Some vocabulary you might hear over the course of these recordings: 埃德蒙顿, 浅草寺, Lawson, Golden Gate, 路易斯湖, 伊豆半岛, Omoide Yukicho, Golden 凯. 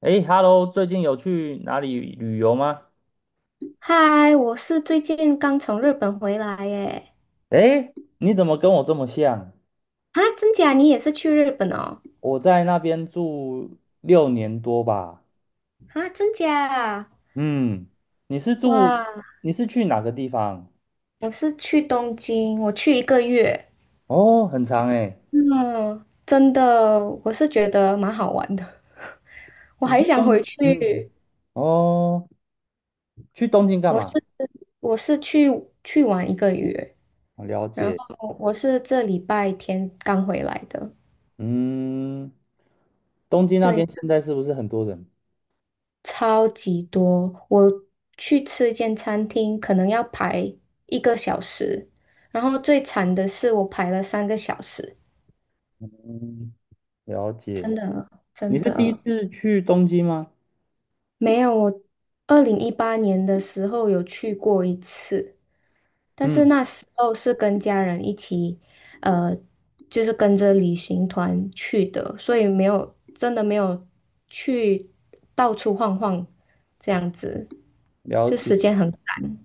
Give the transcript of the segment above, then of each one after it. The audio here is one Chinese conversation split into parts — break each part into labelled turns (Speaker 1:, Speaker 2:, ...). Speaker 1: 诶 hello 最近有去哪里旅游吗？
Speaker 2: 嗨，我是最近刚从日本回来耶。
Speaker 1: 诶，你怎么跟我这么像？
Speaker 2: 啊，真假？你也是去日本哦？
Speaker 1: 我在那边住6年多吧。
Speaker 2: 啊，真假？
Speaker 1: 嗯，你是住，
Speaker 2: 哇，
Speaker 1: 你是去哪个地方？
Speaker 2: 我是去东京，我去一个月。
Speaker 1: 哦，很长诶。
Speaker 2: 嗯，真的，我是觉得蛮好玩的。我
Speaker 1: 你
Speaker 2: 还
Speaker 1: 去
Speaker 2: 想
Speaker 1: 东，
Speaker 2: 回
Speaker 1: 嗯，
Speaker 2: 去。
Speaker 1: 哦，去东京干
Speaker 2: 我是
Speaker 1: 嘛？
Speaker 2: 我是去玩一个月，
Speaker 1: 我了
Speaker 2: 然
Speaker 1: 解。
Speaker 2: 后我是这礼拜天刚回来的。
Speaker 1: 嗯，东京那边
Speaker 2: 对，
Speaker 1: 现在是不是很多人？
Speaker 2: 超级多。我去吃一间餐厅，可能要排1个小时，然后最惨的是我排了3个小时。
Speaker 1: 嗯，了
Speaker 2: 真
Speaker 1: 解。
Speaker 2: 的，
Speaker 1: 你
Speaker 2: 真
Speaker 1: 是第一
Speaker 2: 的，
Speaker 1: 次去东京吗？
Speaker 2: 没有。我2018年的时候有去过一次，但是
Speaker 1: 嗯，
Speaker 2: 那时候是跟家人一起。呃，就是跟着旅行团去的，所以没有真的没有去到处晃晃这样子，
Speaker 1: 了
Speaker 2: 就
Speaker 1: 解。
Speaker 2: 时间很赶。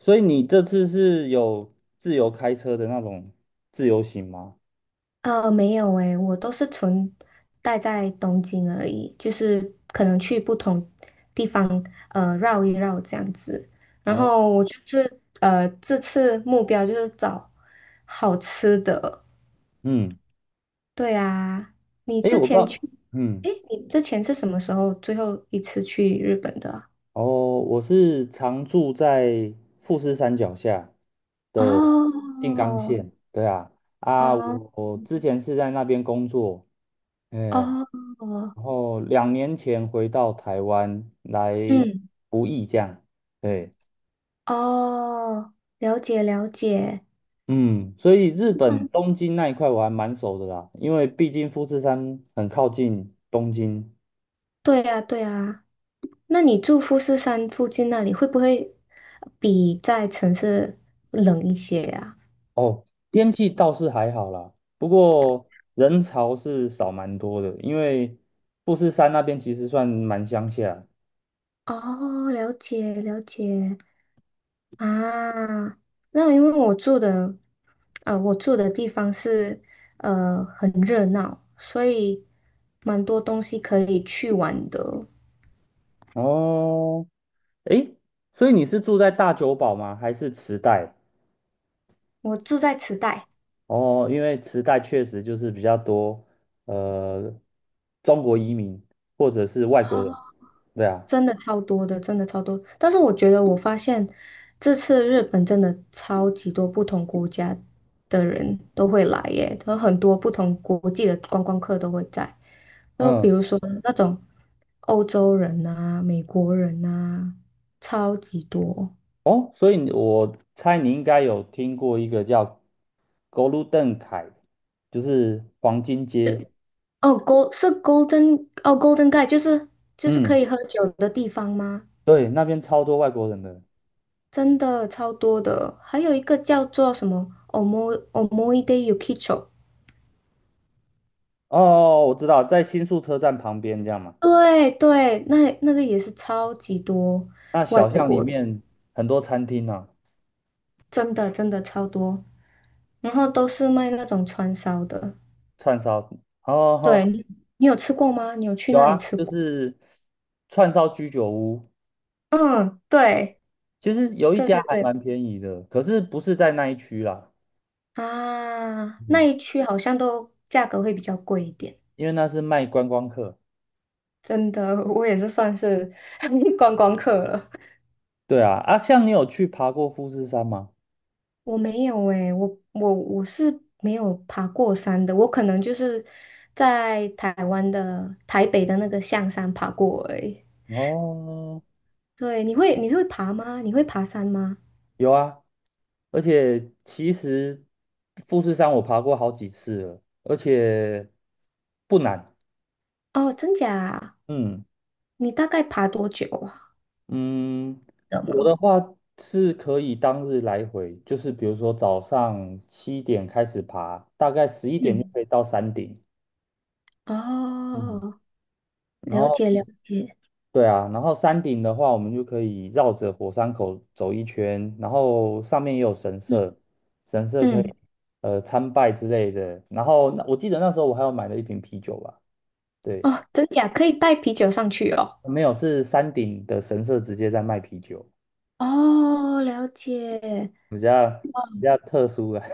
Speaker 1: 所以你这次是有自由开车的那种自由行吗？
Speaker 2: 没有诶，我都是纯待在东京而已，就是可能去不同地方绕一绕这样子。然
Speaker 1: 哦，
Speaker 2: 后我就是这次目标就是找好吃的。
Speaker 1: 嗯，
Speaker 2: 对啊，你
Speaker 1: 诶，
Speaker 2: 之
Speaker 1: 我不知
Speaker 2: 前去，
Speaker 1: 道，嗯，
Speaker 2: 诶，你之前是什么时候最后一次去日本的啊？
Speaker 1: 哦，我是常住在富士山脚下
Speaker 2: 哦
Speaker 1: 的静冈县，对啊，啊，
Speaker 2: 哦
Speaker 1: 我之前是在那边工作，嗯，
Speaker 2: 哦。
Speaker 1: 然后2年前回到台湾来
Speaker 2: 嗯。
Speaker 1: 服役这样，对。
Speaker 2: 哦，了解了解。
Speaker 1: 嗯，所以日本东京那一块我还蛮熟的啦，因为毕竟富士山很靠近东京，
Speaker 2: 对呀，对呀。那你住富士山附近那里，会不会比在城市冷一些呀、
Speaker 1: 哦，天气倒是还好啦，不过人潮是少蛮多的，因为富士山那边其实算蛮乡下。
Speaker 2: 哦，了解了解啊。那因为我住的，我住的地方是很热闹，所以蛮多东西可以去玩的。
Speaker 1: 哦，诶，所以你是住在大久保吗？还是池袋？
Speaker 2: 我住在池袋。
Speaker 1: 哦，因为池袋确实就是比较多，呃，中国移民或者是外国人。
Speaker 2: 哦，
Speaker 1: 对啊，
Speaker 2: 真的超多的，真的超多。但是我觉得，我发现这次日本真的超级多不同国家的人都会来耶，有很多不同国际的观光客都会在。就比
Speaker 1: 嗯，
Speaker 2: 如说那种欧洲人啊、美国人啊，超级多。
Speaker 1: 哦，所以我猜你应该有听过一个叫 Golden 凯，就是黄金街。
Speaker 2: 哦，Gold 是 Golden 哦，Golden g a t e 就是可
Speaker 1: 嗯。
Speaker 2: 以喝酒的地方吗？
Speaker 1: 对，那边超多外国人的。
Speaker 2: 真的超多的。还有一个叫做什么 Omo Omoide Yukicho。
Speaker 1: 哦，哦哦我知道，在新宿车站旁边这样嘛。
Speaker 2: 对对，那个也是超级多
Speaker 1: 那
Speaker 2: 外
Speaker 1: 小巷里
Speaker 2: 国人，
Speaker 1: 面很多餐厅啊，
Speaker 2: 真的真的超多，然后都是卖那种串烧的。
Speaker 1: 串烧。哦，哦
Speaker 2: 对，
Speaker 1: 哦
Speaker 2: 你有吃过吗？你有去
Speaker 1: 有
Speaker 2: 那里
Speaker 1: 啊，
Speaker 2: 吃
Speaker 1: 就
Speaker 2: 过？
Speaker 1: 是串烧居酒屋。
Speaker 2: 嗯，对
Speaker 1: 其实有一
Speaker 2: 对
Speaker 1: 家
Speaker 2: 对，
Speaker 1: 还
Speaker 2: 对
Speaker 1: 蛮便宜的，可是不是在那一区啦。
Speaker 2: 啊，那
Speaker 1: 嗯，
Speaker 2: 一区好像都价格会比较贵一点。
Speaker 1: 因为那是卖观光客。
Speaker 2: 真的，我也是算是 观光客了。
Speaker 1: 对啊，啊，像你有去爬过富士山吗？
Speaker 2: 我没有诶、我是没有爬过山的，我可能就是在台湾的台北的那个象山爬过而已。
Speaker 1: 哦，
Speaker 2: 对，你会爬吗？你会爬山吗？
Speaker 1: 有啊。而且其实富士山我爬过好几次了，而且不难。
Speaker 2: 哦，真假啊。
Speaker 1: 嗯
Speaker 2: 你大概爬多久啊？
Speaker 1: 嗯，
Speaker 2: 的
Speaker 1: 我
Speaker 2: 吗？
Speaker 1: 的话是可以当日来回，就是比如说早上7点开始爬，大概11点就
Speaker 2: 嗯。
Speaker 1: 可以到山顶。嗯，
Speaker 2: 哦，
Speaker 1: 然
Speaker 2: 了
Speaker 1: 后
Speaker 2: 解了解。
Speaker 1: 对啊，然后山顶的话，我们就可以绕着火山口走一圈，然后上面也有神
Speaker 2: 嗯
Speaker 1: 社，神社可
Speaker 2: 嗯。
Speaker 1: 以参拜之类的。然后那我记得那时候我还有买了一瓶啤酒吧，对，
Speaker 2: 哦，真假可以带啤酒上去哦。
Speaker 1: 没有是山顶的神社直接在卖啤酒，
Speaker 2: 哦，了解。
Speaker 1: 比较特殊啊。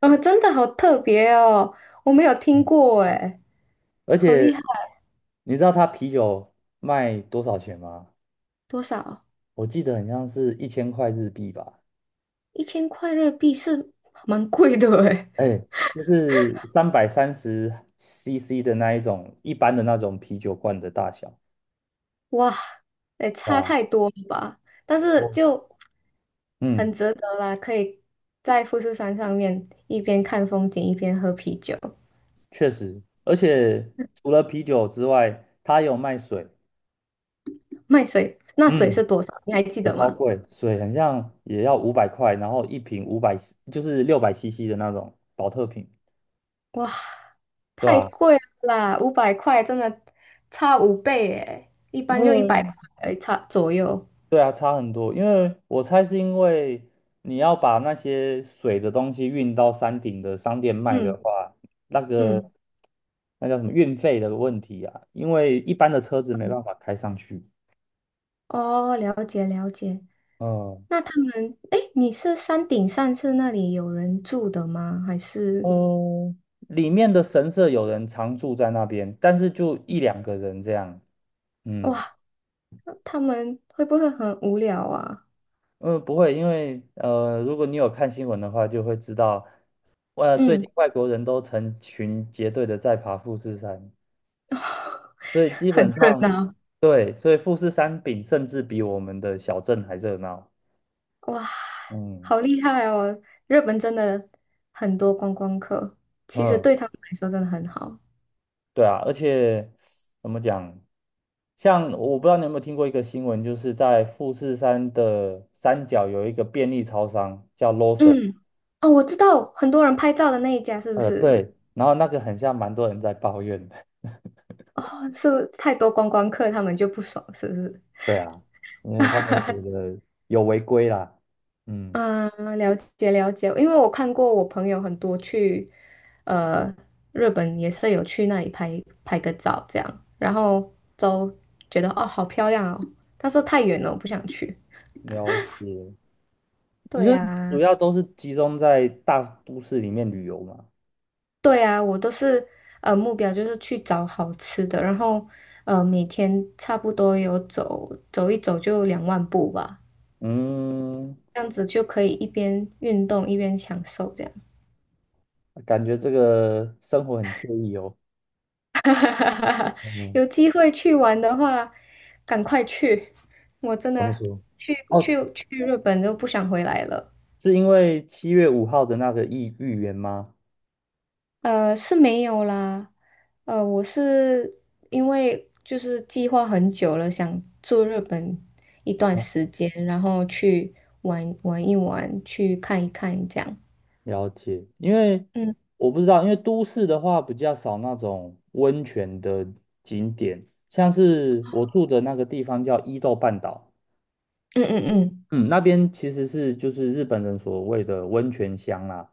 Speaker 2: 哦，真的好特别哦，我没有听 过诶，
Speaker 1: 而
Speaker 2: 好厉
Speaker 1: 且
Speaker 2: 害。
Speaker 1: 你知道他啤酒卖多少钱吗？
Speaker 2: 多少？
Speaker 1: 我记得很像是1000块日币吧。
Speaker 2: 1000块日币是蛮贵的诶。
Speaker 1: 哎，就是330 CC 的那一种一般的那种啤酒罐的大小。
Speaker 2: 哇，也差
Speaker 1: 啊，
Speaker 2: 太多了吧？但是
Speaker 1: 哦，
Speaker 2: 就很
Speaker 1: 嗯，
Speaker 2: 值得啦，可以在富士山上面一边看风景一边喝啤酒。
Speaker 1: 确实，而且除了啤酒之外，它有卖水，
Speaker 2: 卖水，那水
Speaker 1: 嗯，
Speaker 2: 是多少？你还记
Speaker 1: 水
Speaker 2: 得
Speaker 1: 超
Speaker 2: 吗？
Speaker 1: 贵，水很像也要500块，然后一瓶五百，就是600 CC 的那种保特瓶，
Speaker 2: 哇，
Speaker 1: 对
Speaker 2: 太
Speaker 1: 吧？
Speaker 2: 贵了啦，500块真的差5倍耶，一
Speaker 1: 因
Speaker 2: 般就一百
Speaker 1: 为
Speaker 2: 块而已差左右。
Speaker 1: 对啊，差很多，因为我猜是因为你要把那些水的东西运到山顶的商店卖的
Speaker 2: 嗯
Speaker 1: 话，那个
Speaker 2: 嗯
Speaker 1: 那叫什么运费的问题啊，因为一般的车子没
Speaker 2: 嗯。
Speaker 1: 办法开上去。
Speaker 2: 哦，了解了解。
Speaker 1: 嗯，
Speaker 2: 那他们，诶，你是山顶上是那里有人住的吗？还是？
Speaker 1: 哦，里面的神社有人常住在那边，但是就一两个人这样。嗯
Speaker 2: 哇？他们会不会很无聊啊？
Speaker 1: 嗯，不会，因为如果你有看新闻的话，就会知道，最
Speaker 2: 嗯。
Speaker 1: 近外国人都成群结队的在爬富士山。所以 基
Speaker 2: 很
Speaker 1: 本
Speaker 2: 热
Speaker 1: 上
Speaker 2: 闹，
Speaker 1: 对，所以富士山顶甚至比我们的小镇还热闹。
Speaker 2: 哇，
Speaker 1: 嗯
Speaker 2: 好厉害哦！日本真的很多观光客，其实
Speaker 1: 嗯，
Speaker 2: 对他们来说真的很好。
Speaker 1: 对啊，而且怎么讲，像我不知道你有没有听过一个新闻，就是在富士山的山脚有一个便利超商叫 Lawson，
Speaker 2: 嗯。哦，我知道很多人拍照的那一家是不是？
Speaker 1: 对，然后那个很像蛮多人在抱怨的。
Speaker 2: 哦，是太多观光客，他们就不爽，是不是？
Speaker 1: 对啊，因为他们觉得有违规啦。嗯，
Speaker 2: 嗯，了解了解，因为我看过我朋友很多去，呃，日本也是有去那里拍拍个照这样，然后都觉得哦好漂亮哦，但是太远了，我不想去。
Speaker 1: 了解。你
Speaker 2: 对
Speaker 1: 说主
Speaker 2: 呀，
Speaker 1: 要都是集中在大都市里面旅游嘛？
Speaker 2: 对呀，我都是目标就是去找好吃的，然后每天差不多有走走一走就2万步吧，
Speaker 1: 嗯，
Speaker 2: 这样子就可以一边运动一边享受这样。
Speaker 1: 感觉这个生活很惬意哦。
Speaker 2: 哈哈哈哈哈！
Speaker 1: 嗯，
Speaker 2: 有机会去玩的话，赶快去！我真
Speaker 1: 怎么
Speaker 2: 的
Speaker 1: 说？
Speaker 2: 去去
Speaker 1: 哦，
Speaker 2: 去日本就不想回来了。
Speaker 1: 是因为7月5号的那个意预言吗？
Speaker 2: 是没有啦。我是因为就是计划很久了，想住日本一段
Speaker 1: 哦
Speaker 2: 时间，然后去玩玩一玩，去看一看这样。
Speaker 1: 了解，因为
Speaker 2: 嗯
Speaker 1: 我不知道，因为都市的话比较少那种温泉的景点，像是我住的那个地方叫伊豆半岛，
Speaker 2: 嗯嗯
Speaker 1: 嗯，那边其实就是日本人所谓的温泉乡啦、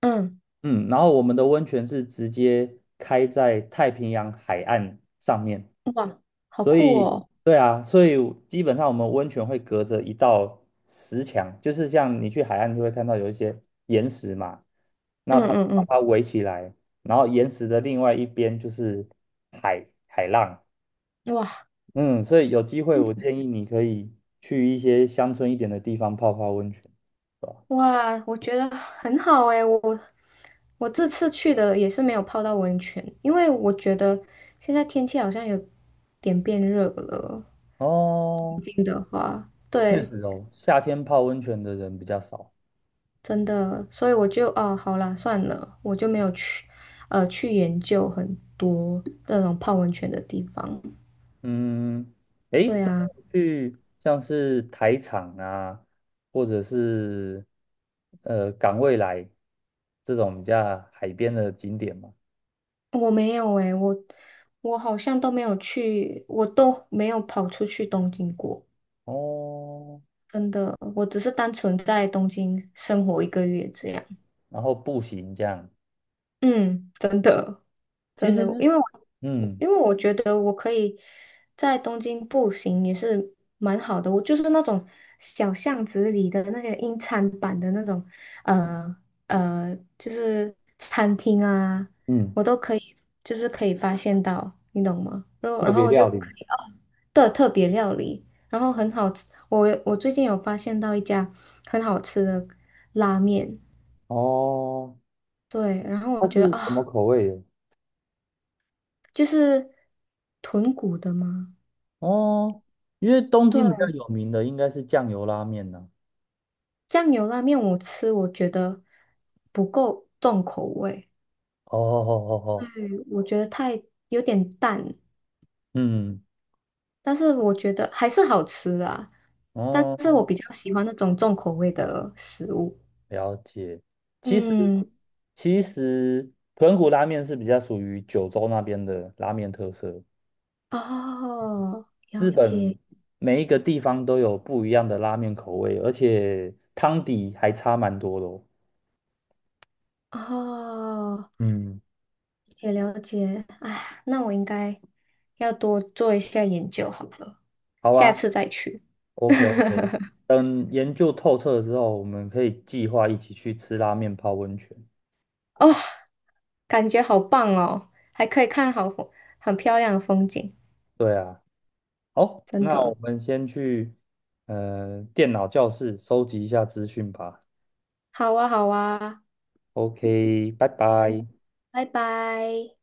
Speaker 2: 嗯
Speaker 1: 嗯，然后我们的温泉是直接开在太平洋海岸上面，
Speaker 2: 嗯。哇，好
Speaker 1: 所
Speaker 2: 酷
Speaker 1: 以
Speaker 2: 哦！
Speaker 1: 对啊，所以基本上我们温泉会隔着一道石墙，就是像你去海岸就会看到有一些岩石嘛，那它就
Speaker 2: 嗯
Speaker 1: 把
Speaker 2: 嗯
Speaker 1: 它围起来，然后岩石的另外一边就是海浪，
Speaker 2: 嗯。哇。
Speaker 1: 嗯，所以有机会我建议你可以去一些乡村一点的地方泡泡温泉，对吧？
Speaker 2: 哇，我觉得很好诶，我这次去的也是没有泡到温泉，因为我觉得现在天气好像有点变热了
Speaker 1: 哦。
Speaker 2: 啊。
Speaker 1: 确
Speaker 2: 对，
Speaker 1: 实哦，夏天泡温泉的人比较少。
Speaker 2: 真的，所以我就哦，好啦，算了，我就没有去去研究很多那种泡温泉的地方。
Speaker 1: 嗯，诶，
Speaker 2: 对
Speaker 1: 所以
Speaker 2: 啊，
Speaker 1: 我去像是台场啊，或者是港未来这种比较海边的景点嘛。
Speaker 2: 我没有诶，我好像都没有去，我都没有跑出去东京过，
Speaker 1: 哦，
Speaker 2: 真的，我只是单纯在东京生活一个月这样。
Speaker 1: 然后步行这样，
Speaker 2: 嗯，真的，
Speaker 1: 其
Speaker 2: 真的，
Speaker 1: 实
Speaker 2: 因为我
Speaker 1: 嗯
Speaker 2: 因为我觉得我可以在东京步行也是蛮好的，我就是那种小巷子里的那些英餐版的那种，呃就是餐厅啊，
Speaker 1: 嗯，
Speaker 2: 我都可以，就是可以发现到，你懂吗？然后
Speaker 1: 特
Speaker 2: 然后
Speaker 1: 别
Speaker 2: 我就
Speaker 1: 料理
Speaker 2: 可以哦的特别料理，然后很好吃，我最近有发现到一家很好吃的拉面，
Speaker 1: 哦，
Speaker 2: 对，然后
Speaker 1: 它
Speaker 2: 我觉得
Speaker 1: 是什么
Speaker 2: 啊。
Speaker 1: 口味的？
Speaker 2: 就是豚骨的吗？
Speaker 1: 哦，因为东京比较
Speaker 2: 对，
Speaker 1: 有名的应该是酱油拉面呢、
Speaker 2: 酱油拉面我吃，我觉得不够重口味，
Speaker 1: 哦哦哦哦，哦
Speaker 2: 我觉得太有点淡，
Speaker 1: 嗯，
Speaker 2: 但是我觉得还是好吃啊。但是
Speaker 1: 哦。
Speaker 2: 我比较喜欢那种重口味的食物。
Speaker 1: 了解。其实，
Speaker 2: 嗯。
Speaker 1: 其实豚骨拉面是比较属于九州那边的拉面特色。
Speaker 2: 哦，
Speaker 1: 日
Speaker 2: 了
Speaker 1: 本
Speaker 2: 解。
Speaker 1: 每一个地方都有不一样的拉面口味，而且汤底还差蛮多的哦。
Speaker 2: 哦，
Speaker 1: 嗯，
Speaker 2: 也了解。哎，那我应该要多做一下研究好了，
Speaker 1: 好
Speaker 2: 下
Speaker 1: 啊
Speaker 2: 次再去。
Speaker 1: ，OK OK，等研究透彻之后，我们可以计划一起去吃拉面泡温泉。
Speaker 2: 哦。感觉好棒哦，还可以看好风，很漂亮的风景，
Speaker 1: 对啊，好，
Speaker 2: 真
Speaker 1: 那我
Speaker 2: 的。
Speaker 1: 们先去电脑教室收集一下资讯吧。
Speaker 2: 好啊，好啊，
Speaker 1: OK，拜拜。
Speaker 2: 嗯，拜拜。